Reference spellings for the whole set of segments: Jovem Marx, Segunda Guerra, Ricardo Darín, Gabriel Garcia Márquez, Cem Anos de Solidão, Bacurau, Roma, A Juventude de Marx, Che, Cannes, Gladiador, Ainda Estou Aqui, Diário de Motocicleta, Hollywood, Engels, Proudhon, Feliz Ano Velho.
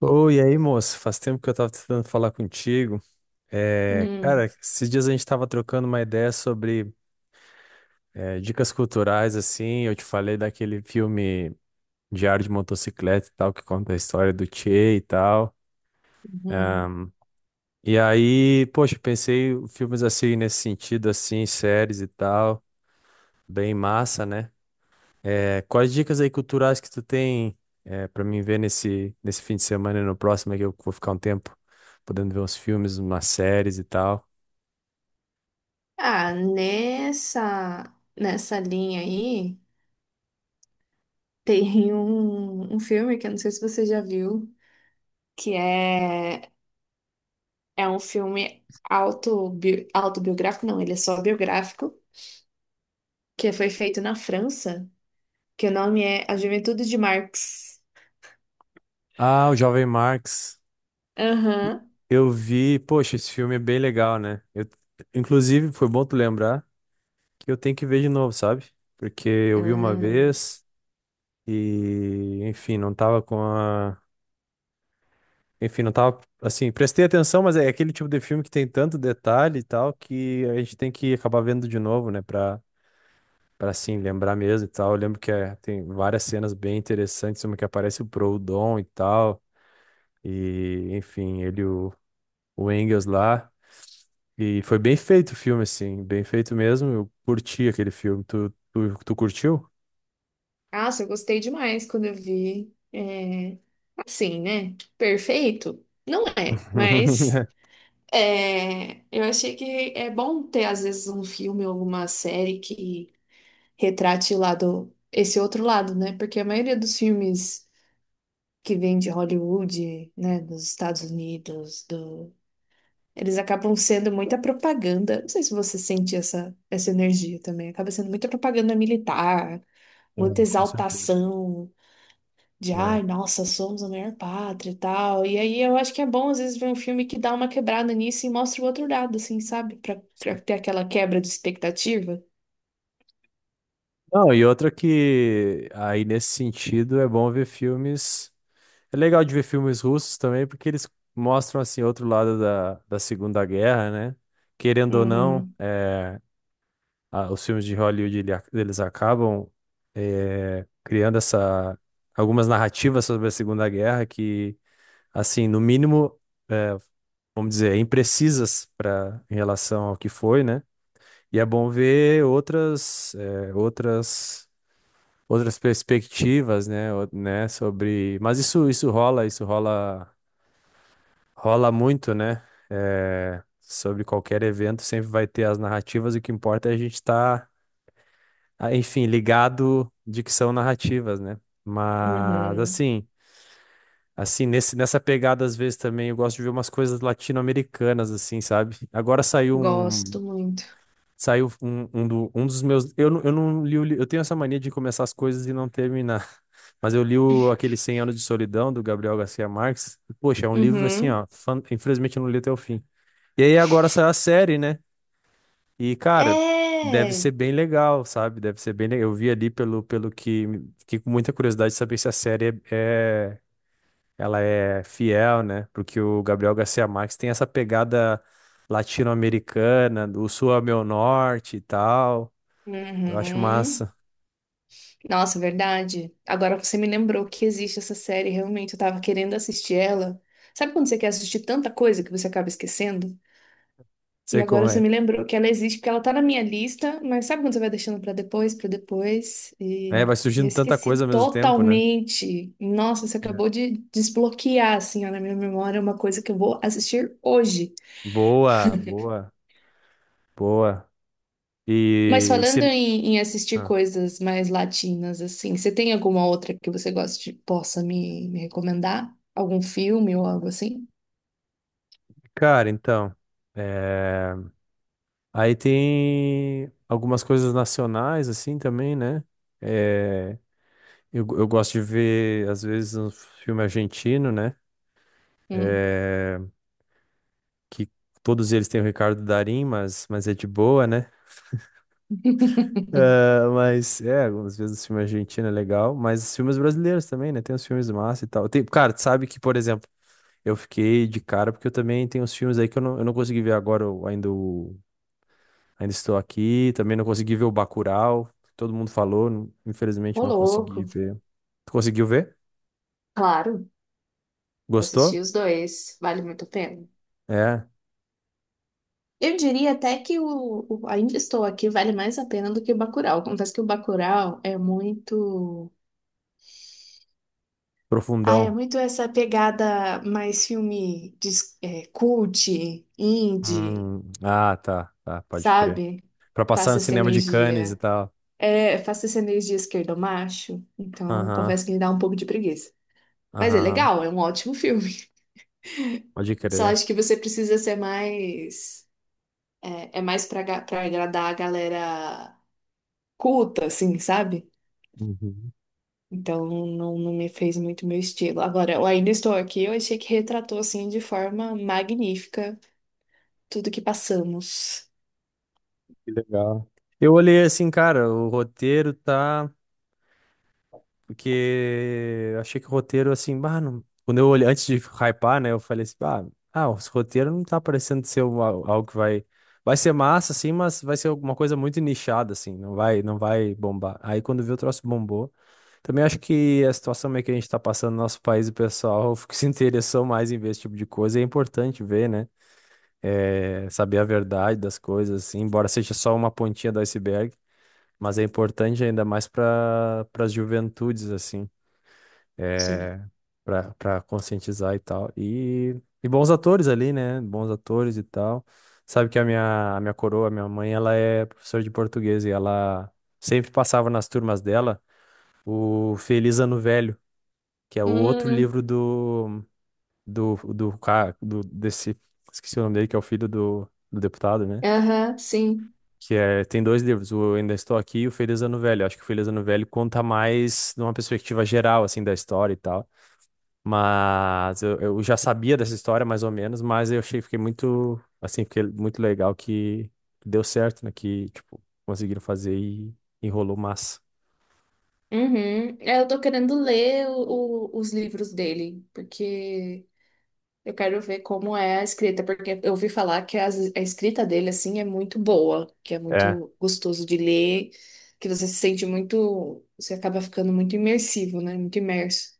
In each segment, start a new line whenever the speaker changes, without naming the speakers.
Oi, e aí, moço? Faz tempo que eu tava tentando falar contigo. É, cara,
Hum,
esses dias a gente tava trocando uma ideia sobre dicas culturais, assim. Eu te falei daquele filme Diário de Motocicleta e tal, que conta a história do Che e tal.
uhum.
E aí, poxa, pensei em filmes assim, nesse sentido, assim, séries e tal. Bem massa, né? É, quais dicas aí culturais que tu tem pra mim ver nesse fim de semana e no próximo, aí que eu vou ficar um tempo podendo ver uns filmes, umas séries e tal?
Ah, nessa, nessa linha aí, tem um filme que eu não sei se você já viu, que é, é um filme autobiográfico, não, ele é só biográfico, que foi feito na França, que o nome é A Juventude de Marx.
Ah, o Jovem Marx.
Aham.
Eu vi, poxa, esse filme é bem legal, né? Eu, inclusive, foi bom tu lembrar que eu tenho que ver de novo, sabe? Porque eu vi uma
Hum.
vez e, enfim, não tava com a. Enfim, não tava, assim, prestei atenção, mas é aquele tipo de filme que tem tanto detalhe e tal que a gente tem que acabar vendo de novo, né? Pra assim, lembrar mesmo e tal. Eu lembro que tem várias cenas bem interessantes, uma que aparece o Proudhon e tal, e, enfim, o Engels lá. E foi bem feito o filme, assim, bem feito mesmo. Eu curti aquele filme. Tu curtiu?
Nossa, eu gostei demais quando eu vi. É, assim, né? Perfeito? Não é, mas. É, eu achei que é bom ter, às vezes, um filme ou alguma série que retrate o lado, esse outro lado, né? Porque a maioria dos filmes que vêm de Hollywood, né, dos Estados Unidos, do, eles acabam sendo muita propaganda. Não sei se você sente essa energia também. Acaba sendo muita propaganda militar,
É,
muita
com certeza.
exaltação de ai,
É.
nossa, somos a maior pátria e tal. E aí eu acho que é bom às vezes ver um filme que dá uma quebrada nisso e mostra o outro lado, assim, sabe? Pra ter aquela quebra de expectativa.
Não, e outra que aí nesse sentido é bom ver filmes. É legal de ver filmes russos também, porque eles mostram assim outro lado da Segunda Guerra, né? Querendo ou não,
Uhum,
os filmes de Hollywood eles acabam criando essa algumas narrativas sobre a Segunda Guerra que, assim, no mínimo vamos dizer, imprecisas para em relação ao que foi, né? E é bom ver outras, outras perspectivas, né? Né? Sobre, mas rola muito, né? Sobre qualquer evento sempre vai ter as narrativas. O que importa é a gente estar, enfim, ligado de que são narrativas, né? Mas
uhum.
assim. Assim, nessa pegada, às vezes também eu gosto de ver umas coisas latino-americanas, assim, sabe? Agora saiu um,
Gosto muito.
saiu um dos meus. Eu não li o. Eu tenho essa mania de começar as coisas e não terminar. Mas eu li o, aquele cem Anos de Solidão, do Gabriel Garcia Marques. E, poxa, é um livro assim,
Uhum.
ó. Infelizmente eu não li até o fim. E aí agora saiu a série, né? E, cara, deve
É.
ser bem legal, sabe? Deve ser bem legal. Eu vi ali pelo que. Fiquei com muita curiosidade de saber se a série ela é fiel, né? Porque o Gabriel Garcia Marques tem essa pegada latino-americana, do sul ao meu norte e tal. Eu acho
Uhum.
massa.
Nossa, verdade. Agora você me lembrou que existe essa série, realmente, eu tava querendo assistir ela. Sabe quando você quer assistir tanta coisa que você acaba esquecendo? E
Sei como
agora você
é.
me lembrou que ela existe, porque ela tá na minha lista, mas sabe quando você vai deixando pra depois, pra depois?
É,
E,
vai
e eu
surgindo tanta
esqueci
coisa ao mesmo tempo, né?
totalmente. Nossa, você
É.
acabou de desbloquear, assim, ó, na minha memória, uma coisa que eu vou assistir hoje.
Boa, boa, Boa.
Mas
E
falando
se...
em assistir
ah,
coisas mais latinas, assim, você tem alguma outra que você goste, possa me recomendar? Algum filme ou algo assim?
cara, então. é, Aí tem algumas coisas nacionais, assim, também, né? É, eu gosto de ver, às vezes, um filme argentino, né?
Hum.
É, que todos eles têm o Ricardo Darín, mas é de boa, né? Ah, mas é, algumas vezes os filmes argentinos é legal, mas os filmes brasileiros também, né? Tem os filmes massa e tal. Tem, cara, tu sabe que, por exemplo, eu fiquei de cara porque eu também tenho os filmes aí que eu não consegui ver agora, eu ainda, ainda estou aqui, também não consegui ver o Bacurau, que todo mundo falou, infelizmente
Ô,
não consegui
louco.
ver. Tu conseguiu ver?
Claro, assisti
Gostou?
os dois. Vale muito a pena.
É,
Eu diria até que o Ainda Estou Aqui vale mais a pena do que o Bacurau. Confesso que o Bacurau é muito. Ah, é
profundão.
muito essa pegada mais filme de, é, cult, indie,
Ah, tá, pode crer.
sabe?
Pra passar
Passa
no
essa
cinema de Cannes e
energia.
tal.
É, faço essa energia esquerdo macho, então
Aham,
confesso que me dá um pouco de preguiça. Mas é
aham,
legal, é um ótimo filme.
pode
Só
crer.
acho que você precisa ser mais. É, é mais pra, pra agradar a galera culta, assim, sabe?
Uhum.
Então não me fez muito meu estilo. Agora, eu ainda estou aqui, eu achei que retratou, assim, de forma magnífica tudo que passamos.
Que legal. Eu olhei assim, cara, o roteiro tá. Porque eu achei que o roteiro, assim, bah, quando eu olhei, antes de hypar, né, eu falei assim, bah, ah, os roteiro não tá parecendo ser algo que vai. Vai ser massa, assim, mas vai ser alguma coisa muito nichada, assim, não vai bombar. Aí quando vi o troço bombou. Também acho que a situação meio que a gente tá passando no nosso país, o pessoal se interessou mais em ver esse tipo de coisa, e é importante ver, né? É, saber a verdade das coisas, assim, embora seja só uma pontinha do iceberg mas é importante ainda mais para as juventudes, assim,
Sim.
é, para conscientizar e tal. E bons atores ali, né? Bons atores e tal. Sabe que a minha coroa, a minha mãe, ela é professora de português e ela sempre passava nas turmas dela o Feliz Ano Velho, que é o outro
Hum,
livro do desse, esqueci o nome dele, que é o filho do deputado, né?
aham, sim.
Que é, tem dois livros, o Ainda Estou Aqui e o Feliz Ano Velho. Acho que o Feliz Ano Velho conta mais numa perspectiva geral, assim, da história e tal. Mas eu já sabia dessa história, mais ou menos, mas fiquei muito, assim, fiquei muito legal que deu certo, né? Que, tipo, conseguiram fazer e enrolou massa.
Uhum. É, eu tô querendo ler os livros dele, porque eu quero ver como é a escrita, porque eu ouvi falar que a escrita dele, assim, é muito boa, que é
É.
muito gostoso de ler, que você se sente muito, você acaba ficando muito imersivo, né? Muito imerso.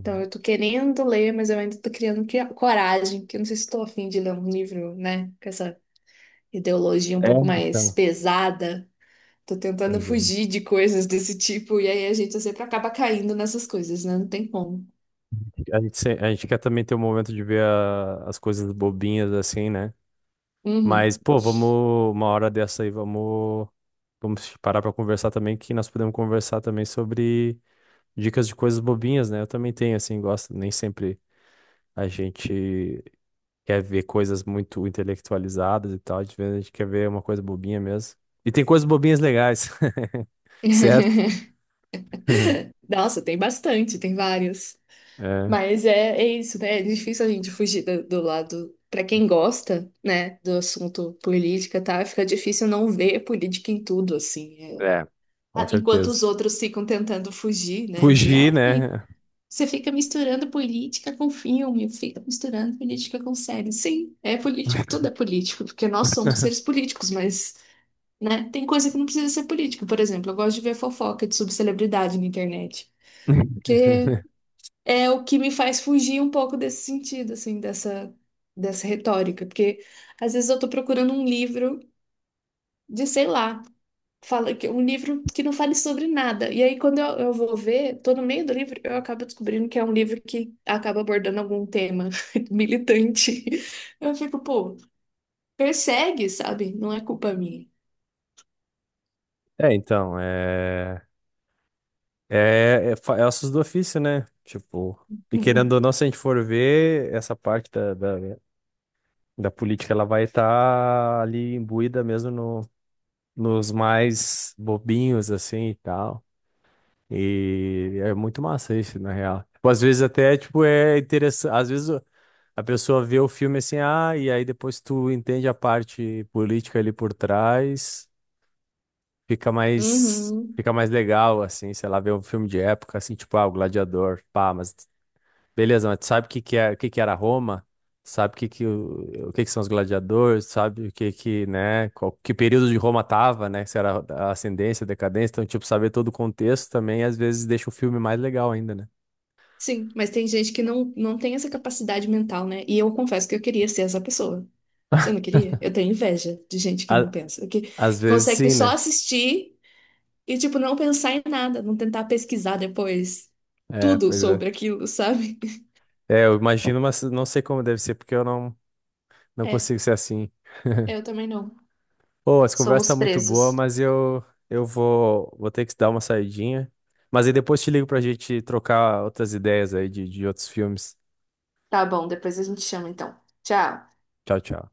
Então, eu tô querendo ler, mas eu ainda tô criando coragem, que eu não sei se tô a fim de ler um livro, né? Com essa ideologia um
É,
pouco mais
então.
pesada. Tô tentando
Pois é, né?
fugir de coisas desse tipo, e aí a gente sempre acaba caindo nessas coisas, né? Não tem como.
A gente, se- a gente quer também ter um momento de ver as coisas bobinhas, assim, né? Mas,
Uhum.
pô, vamos uma hora dessa aí, vamos parar pra conversar também, que nós podemos conversar também sobre dicas de coisas bobinhas, né? Eu também tenho, assim, gosto, nem sempre a gente quer ver coisas muito intelectualizadas e tal, de vez a gente quer ver uma coisa bobinha mesmo. E tem coisas bobinhas legais, certo?
Nossa, tem bastante, tem vários.
É,
Mas é, é isso, né? É difícil a gente fugir do lado. Pra quem gosta, né, do assunto política, tá? Fica difícil não ver política em tudo, assim. É.
é, com
Ah, enquanto os
certeza.
outros ficam tentando fugir, né? De,
Fugir,
ai,
né?
você fica misturando política com filme, fica misturando política com série. Sim, é político, tudo é político, porque nós somos seres políticos, mas, né, tem coisa que não precisa ser política. Por exemplo, eu gosto de ver fofoca de subcelebridade na internet, é o que me faz fugir um pouco desse sentido, assim, dessa retórica, porque às vezes eu tô procurando um livro de, sei lá, fala que um livro que não fale sobre nada. E aí quando eu vou ver, tô no meio do livro, eu acabo descobrindo que é um livro que acaba abordando algum tema militante. Eu fico, pô, persegue, sabe? Não é culpa minha.
É. É ossos do ofício, né? Tipo, e querendo ou
Uhum.
não, se a gente for ver, essa parte da política, ela vai estar ali imbuída mesmo no, nos mais bobinhos, assim, e tal. E é muito massa isso, na real. Tipo, às vezes até, tipo, é interessante, às vezes a pessoa vê o filme assim, ah, e aí depois tu entende a parte política ali por trás,
Uhum.
fica mais legal, assim, sei lá, ver um filme de época, assim, tipo, ah, o Gladiador, pá, mas beleza, mas tu sabe o que que é, o que que era Roma? Sabe o que que o que que são os gladiadores? Sabe o que que, né, que período de Roma tava, né? Se era a ascendência, decadência, então tipo saber todo o contexto também às vezes deixa o filme mais legal ainda, né?
Sim, mas tem gente que não tem essa capacidade mental, né? E eu confesso que eu queria ser essa pessoa. Você não queria? Eu tenho inveja de gente que não
A-
pensa,
às
que
vezes
consegue
sim,
só
né?
assistir e, tipo, não pensar em nada, não tentar pesquisar depois
É,
tudo
pois é.
sobre aquilo, sabe?
É, eu imagino, mas não sei como deve ser porque eu não não
É,
consigo ser assim.
eu também não.
Pô, essa conversa
Somos
tá muito boa,
presos.
mas eu vou ter que dar uma saidinha. Mas aí depois te ligo pra gente trocar outras ideias aí de outros filmes.
Tá bom, depois a gente chama então. Tchau.
Tchau.